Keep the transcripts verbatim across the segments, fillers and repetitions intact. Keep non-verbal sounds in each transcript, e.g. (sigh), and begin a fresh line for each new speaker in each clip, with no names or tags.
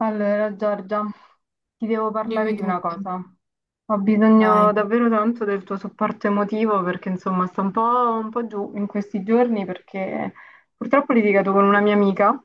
Allora, Giorgia, ti devo parlare
Dimmi
di una
tutto.
cosa. Ho bisogno
Vai.
davvero tanto del tuo supporto emotivo perché, insomma, sto un po', un po' giù in questi giorni perché purtroppo ho litigato con una mia amica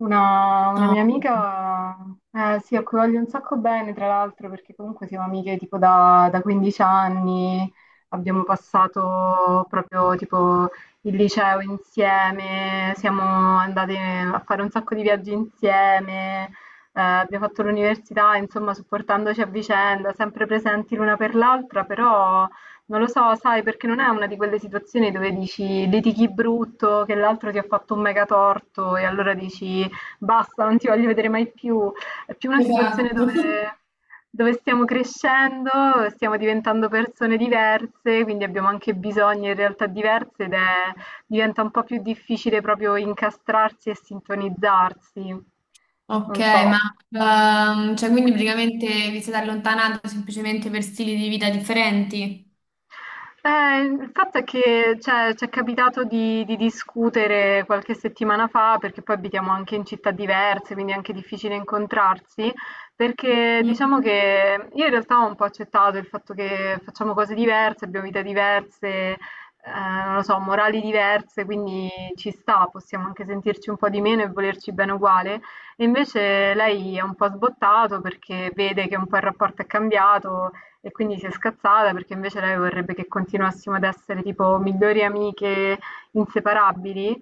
una, una mia
No.
amica, eh, sì, a cui voglio un sacco bene, tra l'altro, perché comunque siamo amiche tipo da, da 15 anni, abbiamo passato proprio tipo il liceo insieme, siamo andate a fare un sacco di viaggi insieme, eh, abbiamo fatto l'università, insomma, supportandoci a vicenda, sempre presenti l'una per l'altra, però non lo so, sai, perché non è una di quelle situazioni dove dici litighi brutto, che l'altro ti ha fatto un mega torto e allora dici basta, non ti voglio vedere mai più. È più una situazione
Esatto.
dove, dove stiamo crescendo, stiamo diventando persone diverse, quindi abbiamo anche bisogni e realtà diverse ed è- Diventa un po' più difficile proprio incastrarsi e sintonizzarsi.
Ok,
Non so.
ma ehm, cioè quindi praticamente vi siete allontanati semplicemente per stili di vita differenti?
Eh, il fatto è che cioè, ci è capitato di, di discutere qualche settimana fa, perché poi abitiamo anche in città diverse, quindi è anche difficile incontrarsi, perché diciamo
Mhm.
che io in realtà ho un po' accettato il fatto che facciamo cose diverse, abbiamo vite diverse, eh, non lo so, morali diverse, quindi ci sta, possiamo anche sentirci un po' di meno e volerci bene uguale. E invece lei è un po' sbottato perché vede che un po' il rapporto è cambiato, e quindi si è scazzata perché invece lei vorrebbe che continuassimo ad essere tipo migliori amiche inseparabili.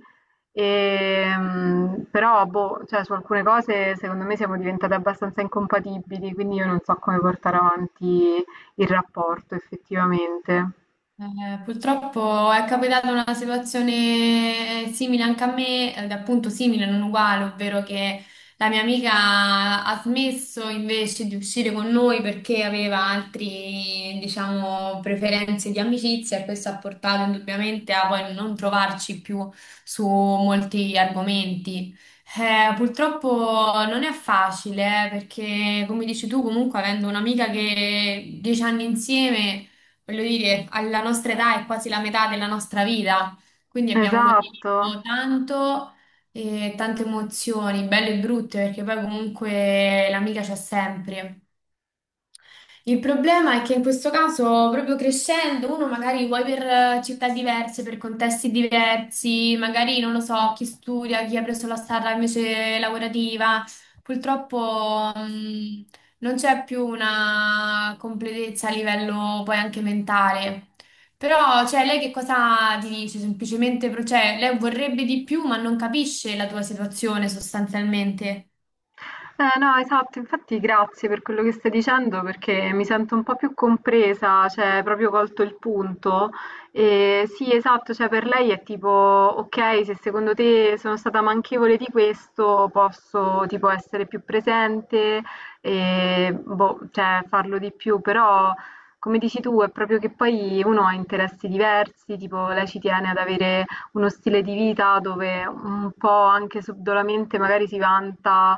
Ehm, però, boh, cioè, su alcune cose secondo me siamo diventate abbastanza incompatibili, quindi io non so come portare avanti il rapporto effettivamente.
Eh, purtroppo è capitata una situazione eh, simile anche a me, ed appunto simile, non uguale, ovvero che la mia amica ha smesso invece di uscire con noi perché aveva altri, diciamo, preferenze di amicizia e questo ha portato indubbiamente a poi non trovarci più su molti argomenti. Eh, purtroppo non è facile, eh, perché come dici tu, comunque avendo un'amica che dieci anni insieme voglio dire, alla nostra età è quasi la metà della nostra vita, quindi abbiamo
Esatto.
condiviso tanto e tante emozioni, belle e brutte, perché poi comunque l'amica c'è sempre. Il problema è che in questo caso, proprio crescendo, uno magari vuoi per eh, città diverse, per contesti diversi, magari non lo so, chi studia, chi ha preso la strada invece lavorativa, purtroppo mh, non c'è più una completezza a livello poi anche mentale. Però, cioè, lei che cosa ti dice? Semplicemente, pro- cioè, lei vorrebbe di più, ma non capisce la tua situazione sostanzialmente.
Eh, no, esatto, infatti grazie per quello che stai dicendo perché mi sento un po' più compresa, cioè proprio colto il punto. E sì, esatto, cioè per lei è tipo, ok, se secondo te sono stata manchevole di questo, posso tipo essere più presente e boh, cioè, farlo di più, però come dici tu è proprio che poi uno ha interessi diversi, tipo lei ci tiene ad avere uno stile di vita dove un po' anche subdolamente magari si vanta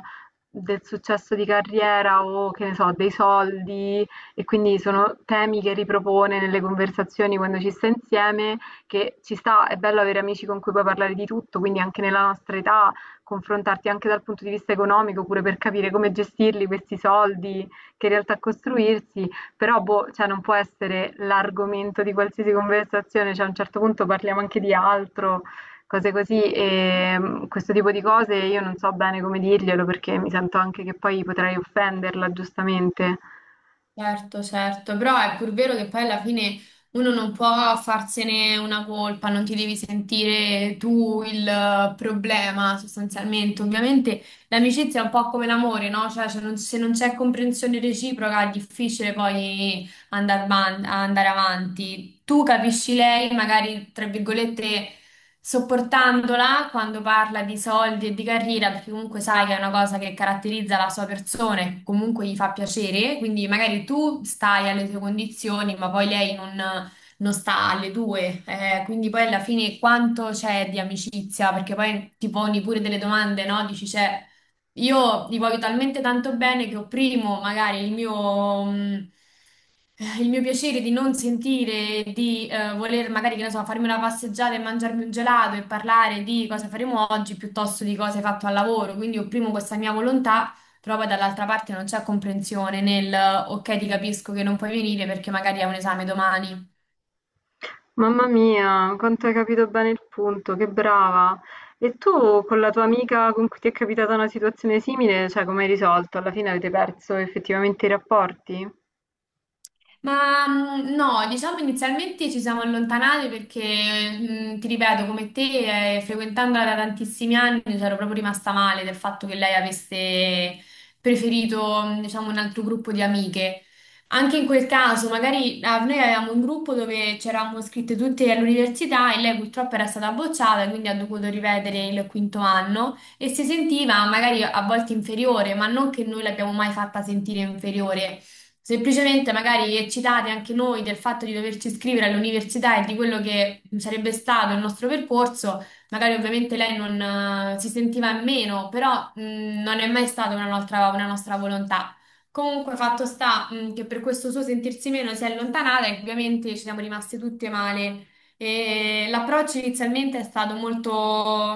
del successo di carriera o che ne so, dei soldi e quindi sono temi che ripropone nelle conversazioni quando ci sta insieme, che ci sta, è bello avere amici con cui puoi parlare di tutto, quindi anche nella nostra età confrontarti anche dal punto di vista economico, pure per capire come gestirli questi soldi, che in realtà costruirsi, però boh, cioè non può essere l'argomento di qualsiasi conversazione, cioè a un certo punto parliamo anche di altro cose così. E mhmm, questo tipo di cose io non so bene come dirglielo, perché mi sento anche che poi potrei offenderla, giustamente.
Certo, certo, però è pur vero che poi alla fine uno non può farsene una colpa, non ti devi sentire tu il eh, problema sostanzialmente. Ovviamente l'amicizia è un po' come l'amore, no? Cioè, se non, se non c'è comprensione reciproca è difficile poi andare, andare avanti. Tu capisci lei, magari tra virgolette sopportandola quando parla di soldi e di carriera, perché comunque sai che è una cosa che caratterizza la sua persona e comunque gli fa piacere, quindi magari tu stai alle tue condizioni, ma poi lei non, non sta alle tue, eh, quindi poi alla fine quanto c'è di amicizia, perché poi ti poni pure delle domande, no? Dici, cioè, io li voglio talmente tanto bene che opprimo magari il mio, mh, eh, il mio piacere di non sentire, di eh, voler magari, che ne so, farmi una passeggiata e mangiarmi un gelato e parlare di cosa faremo oggi piuttosto di cosa hai fatto al lavoro. Quindi opprimo questa mia volontà, però poi dall'altra parte non c'è comprensione nel ok, ti capisco che non puoi venire perché magari hai un esame domani.
Mamma mia, quanto hai capito bene il punto, che brava. E tu con la tua amica con cui ti è capitata una situazione simile, cioè come hai risolto? Alla fine avete perso effettivamente i rapporti?
Ma mh, no, diciamo inizialmente ci siamo allontanati perché, mh, ti ripeto, come te, eh, frequentandola da tantissimi anni, c'ero proprio rimasta male del fatto che lei avesse preferito, mh, diciamo, un altro gruppo di amiche. Anche in quel caso, magari ah, noi avevamo un gruppo dove c'eravamo iscritte tutte all'università e lei purtroppo era stata bocciata, quindi ha dovuto rivedere il quinto anno e si sentiva magari a volte inferiore, ma non che noi l'abbiamo mai fatta sentire inferiore. Semplicemente magari eccitate anche noi del fatto di doverci iscrivere all'università e di quello che sarebbe stato il nostro percorso, magari ovviamente lei non eh, si sentiva in meno, però mh, non è mai stata una nostra, una nostra volontà. Comunque, fatto sta, mh, che per questo suo sentirsi meno si è allontanata e ovviamente ci siamo rimasti tutte male e l'approccio inizialmente è stato molto,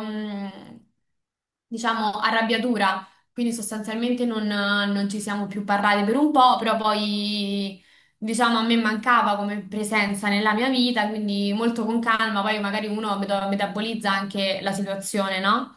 mh, diciamo, a rabbia dura, quindi sostanzialmente non, non ci siamo più parlati per un po', però poi, diciamo, a me mancava come presenza nella mia vita, quindi molto con calma, poi magari uno meta- metabolizza anche la situazione, no?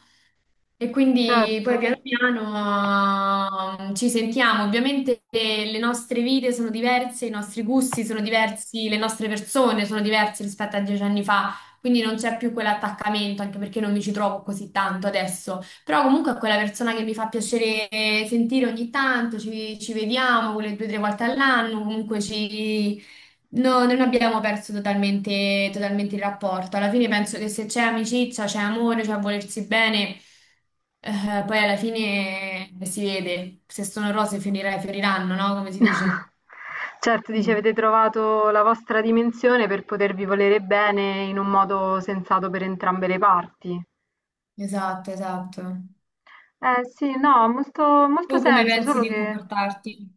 E quindi
Certo.
poi piano piano ehm, ci sentiamo. Ovviamente eh, le nostre vite sono diverse, i nostri gusti sono diversi, le nostre persone sono diverse rispetto a dieci anni fa, quindi non c'è più quell'attaccamento, anche perché non mi ci trovo così tanto adesso. Però comunque è quella persona che mi fa piacere sentire ogni tanto, ci, ci vediamo quelle due o tre volte all'anno, comunque ci no, non abbiamo perso totalmente, totalmente il rapporto. Alla fine penso che se c'è amicizia, c'è amore, c'è volersi bene, eh, poi alla fine eh, si vede. Se sono rose finire- fioriranno, no? Come si dice?
(laughs) Certo, dici
Mm.
avete trovato la vostra dimensione per potervi volere bene in un modo sensato per entrambe le parti.
Esatto, esatto.
Eh sì, no, ha molto, molto
Tu come
senso,
pensi
solo
di
che
comportarti?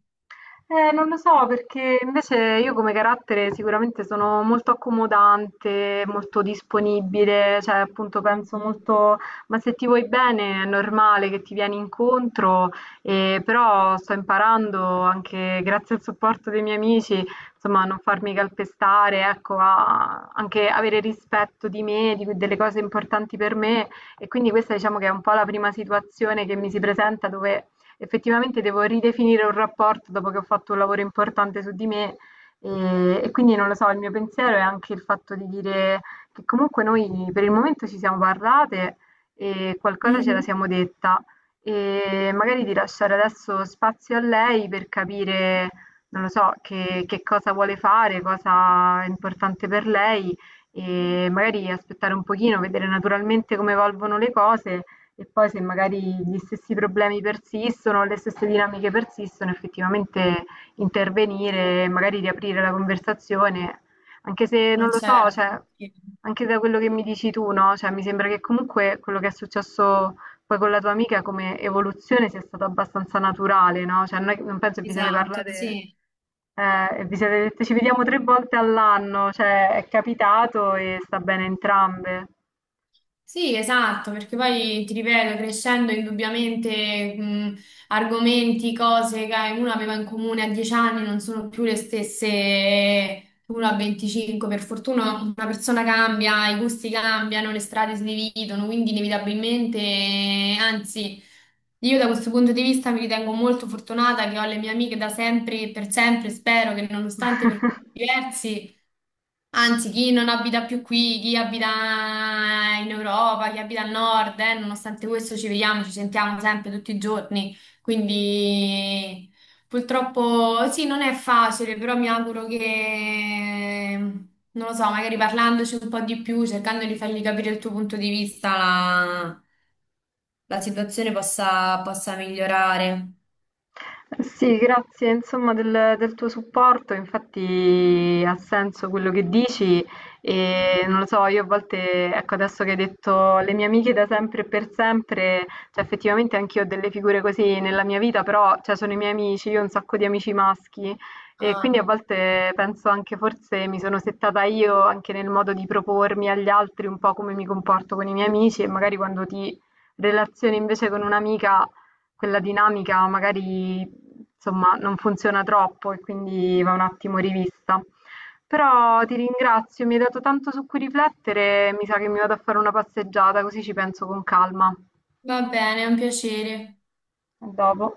eh, non lo so, perché invece io come carattere sicuramente sono molto accomodante, molto disponibile, cioè appunto penso
Mhm.
molto, ma se ti vuoi bene è normale che ti vieni incontro, e però sto imparando anche grazie al supporto dei miei amici, insomma, a non farmi calpestare, ecco, a anche avere rispetto di me, di, delle cose importanti per me e quindi questa diciamo che è un po' la prima situazione che mi si presenta dove effettivamente devo ridefinire un rapporto dopo che ho fatto un lavoro importante su di me e, e quindi non lo so, il mio pensiero è anche il fatto di dire che comunque noi per il momento ci siamo parlate e qualcosa ce la
Mhm.
siamo detta e magari di lasciare adesso spazio a lei per capire, non lo so, che, che cosa vuole fare, cosa è importante per lei e magari aspettare un pochino, vedere naturalmente come evolvono le cose e poi se magari gli stessi problemi persistono, le stesse dinamiche persistono, effettivamente intervenire, magari riaprire la conversazione, anche se non
Ma
lo so,
certo,
cioè,
sì.
anche da quello che mi dici tu, no? Cioè, mi sembra che comunque quello che è successo poi con la tua amica come evoluzione sia stato abbastanza naturale, no? Cioè, non, è- non penso che vi siete
Esatto,
parlate
sì.
eh, e vi siete dette ci vediamo tre volte all'anno, cioè, è capitato e sta bene entrambe.
Sì, esatto, perché poi ti ripeto, crescendo indubbiamente mh, argomenti, cose che uno aveva in comune a dieci anni non sono più le stesse che uno a venticinque. Per fortuna una persona cambia, i gusti cambiano, le strade si dividono, quindi inevitabilmente, anzi, io da questo punto di vista mi ritengo molto fortunata che ho le mie amiche da sempre e per sempre, spero che nonostante percorsi
(laughs)
diversi anzi, chi non abita più qui, chi abita in Europa, chi abita al nord, eh, nonostante questo ci vediamo, ci sentiamo sempre tutti i giorni. Quindi purtroppo sì, non è facile, però mi auguro che, non lo so, magari parlandoci un po' di più, cercando di fargli capire il tuo punto di vista, la, la situazione possa, possa migliorare.
Sì, grazie insomma del, del tuo supporto, infatti ha senso quello che dici e non lo so, io a volte, ecco adesso che hai detto le mie amiche da sempre e per sempre, cioè effettivamente anch'io ho delle figure così nella mia vita, però cioè, sono i miei amici, io ho un sacco di amici maschi e quindi a
Ah,
volte penso anche forse mi sono settata io anche nel modo di propormi agli altri un po' come mi comporto con i miei amici e magari quando ti relazioni invece con un'amica quella dinamica magari insomma, non funziona troppo e quindi va un attimo rivista. Però ti ringrazio, mi hai dato tanto su cui riflettere, mi sa che mi vado a fare una passeggiata, così ci penso con calma. A
va bene, è un piacere.
dopo.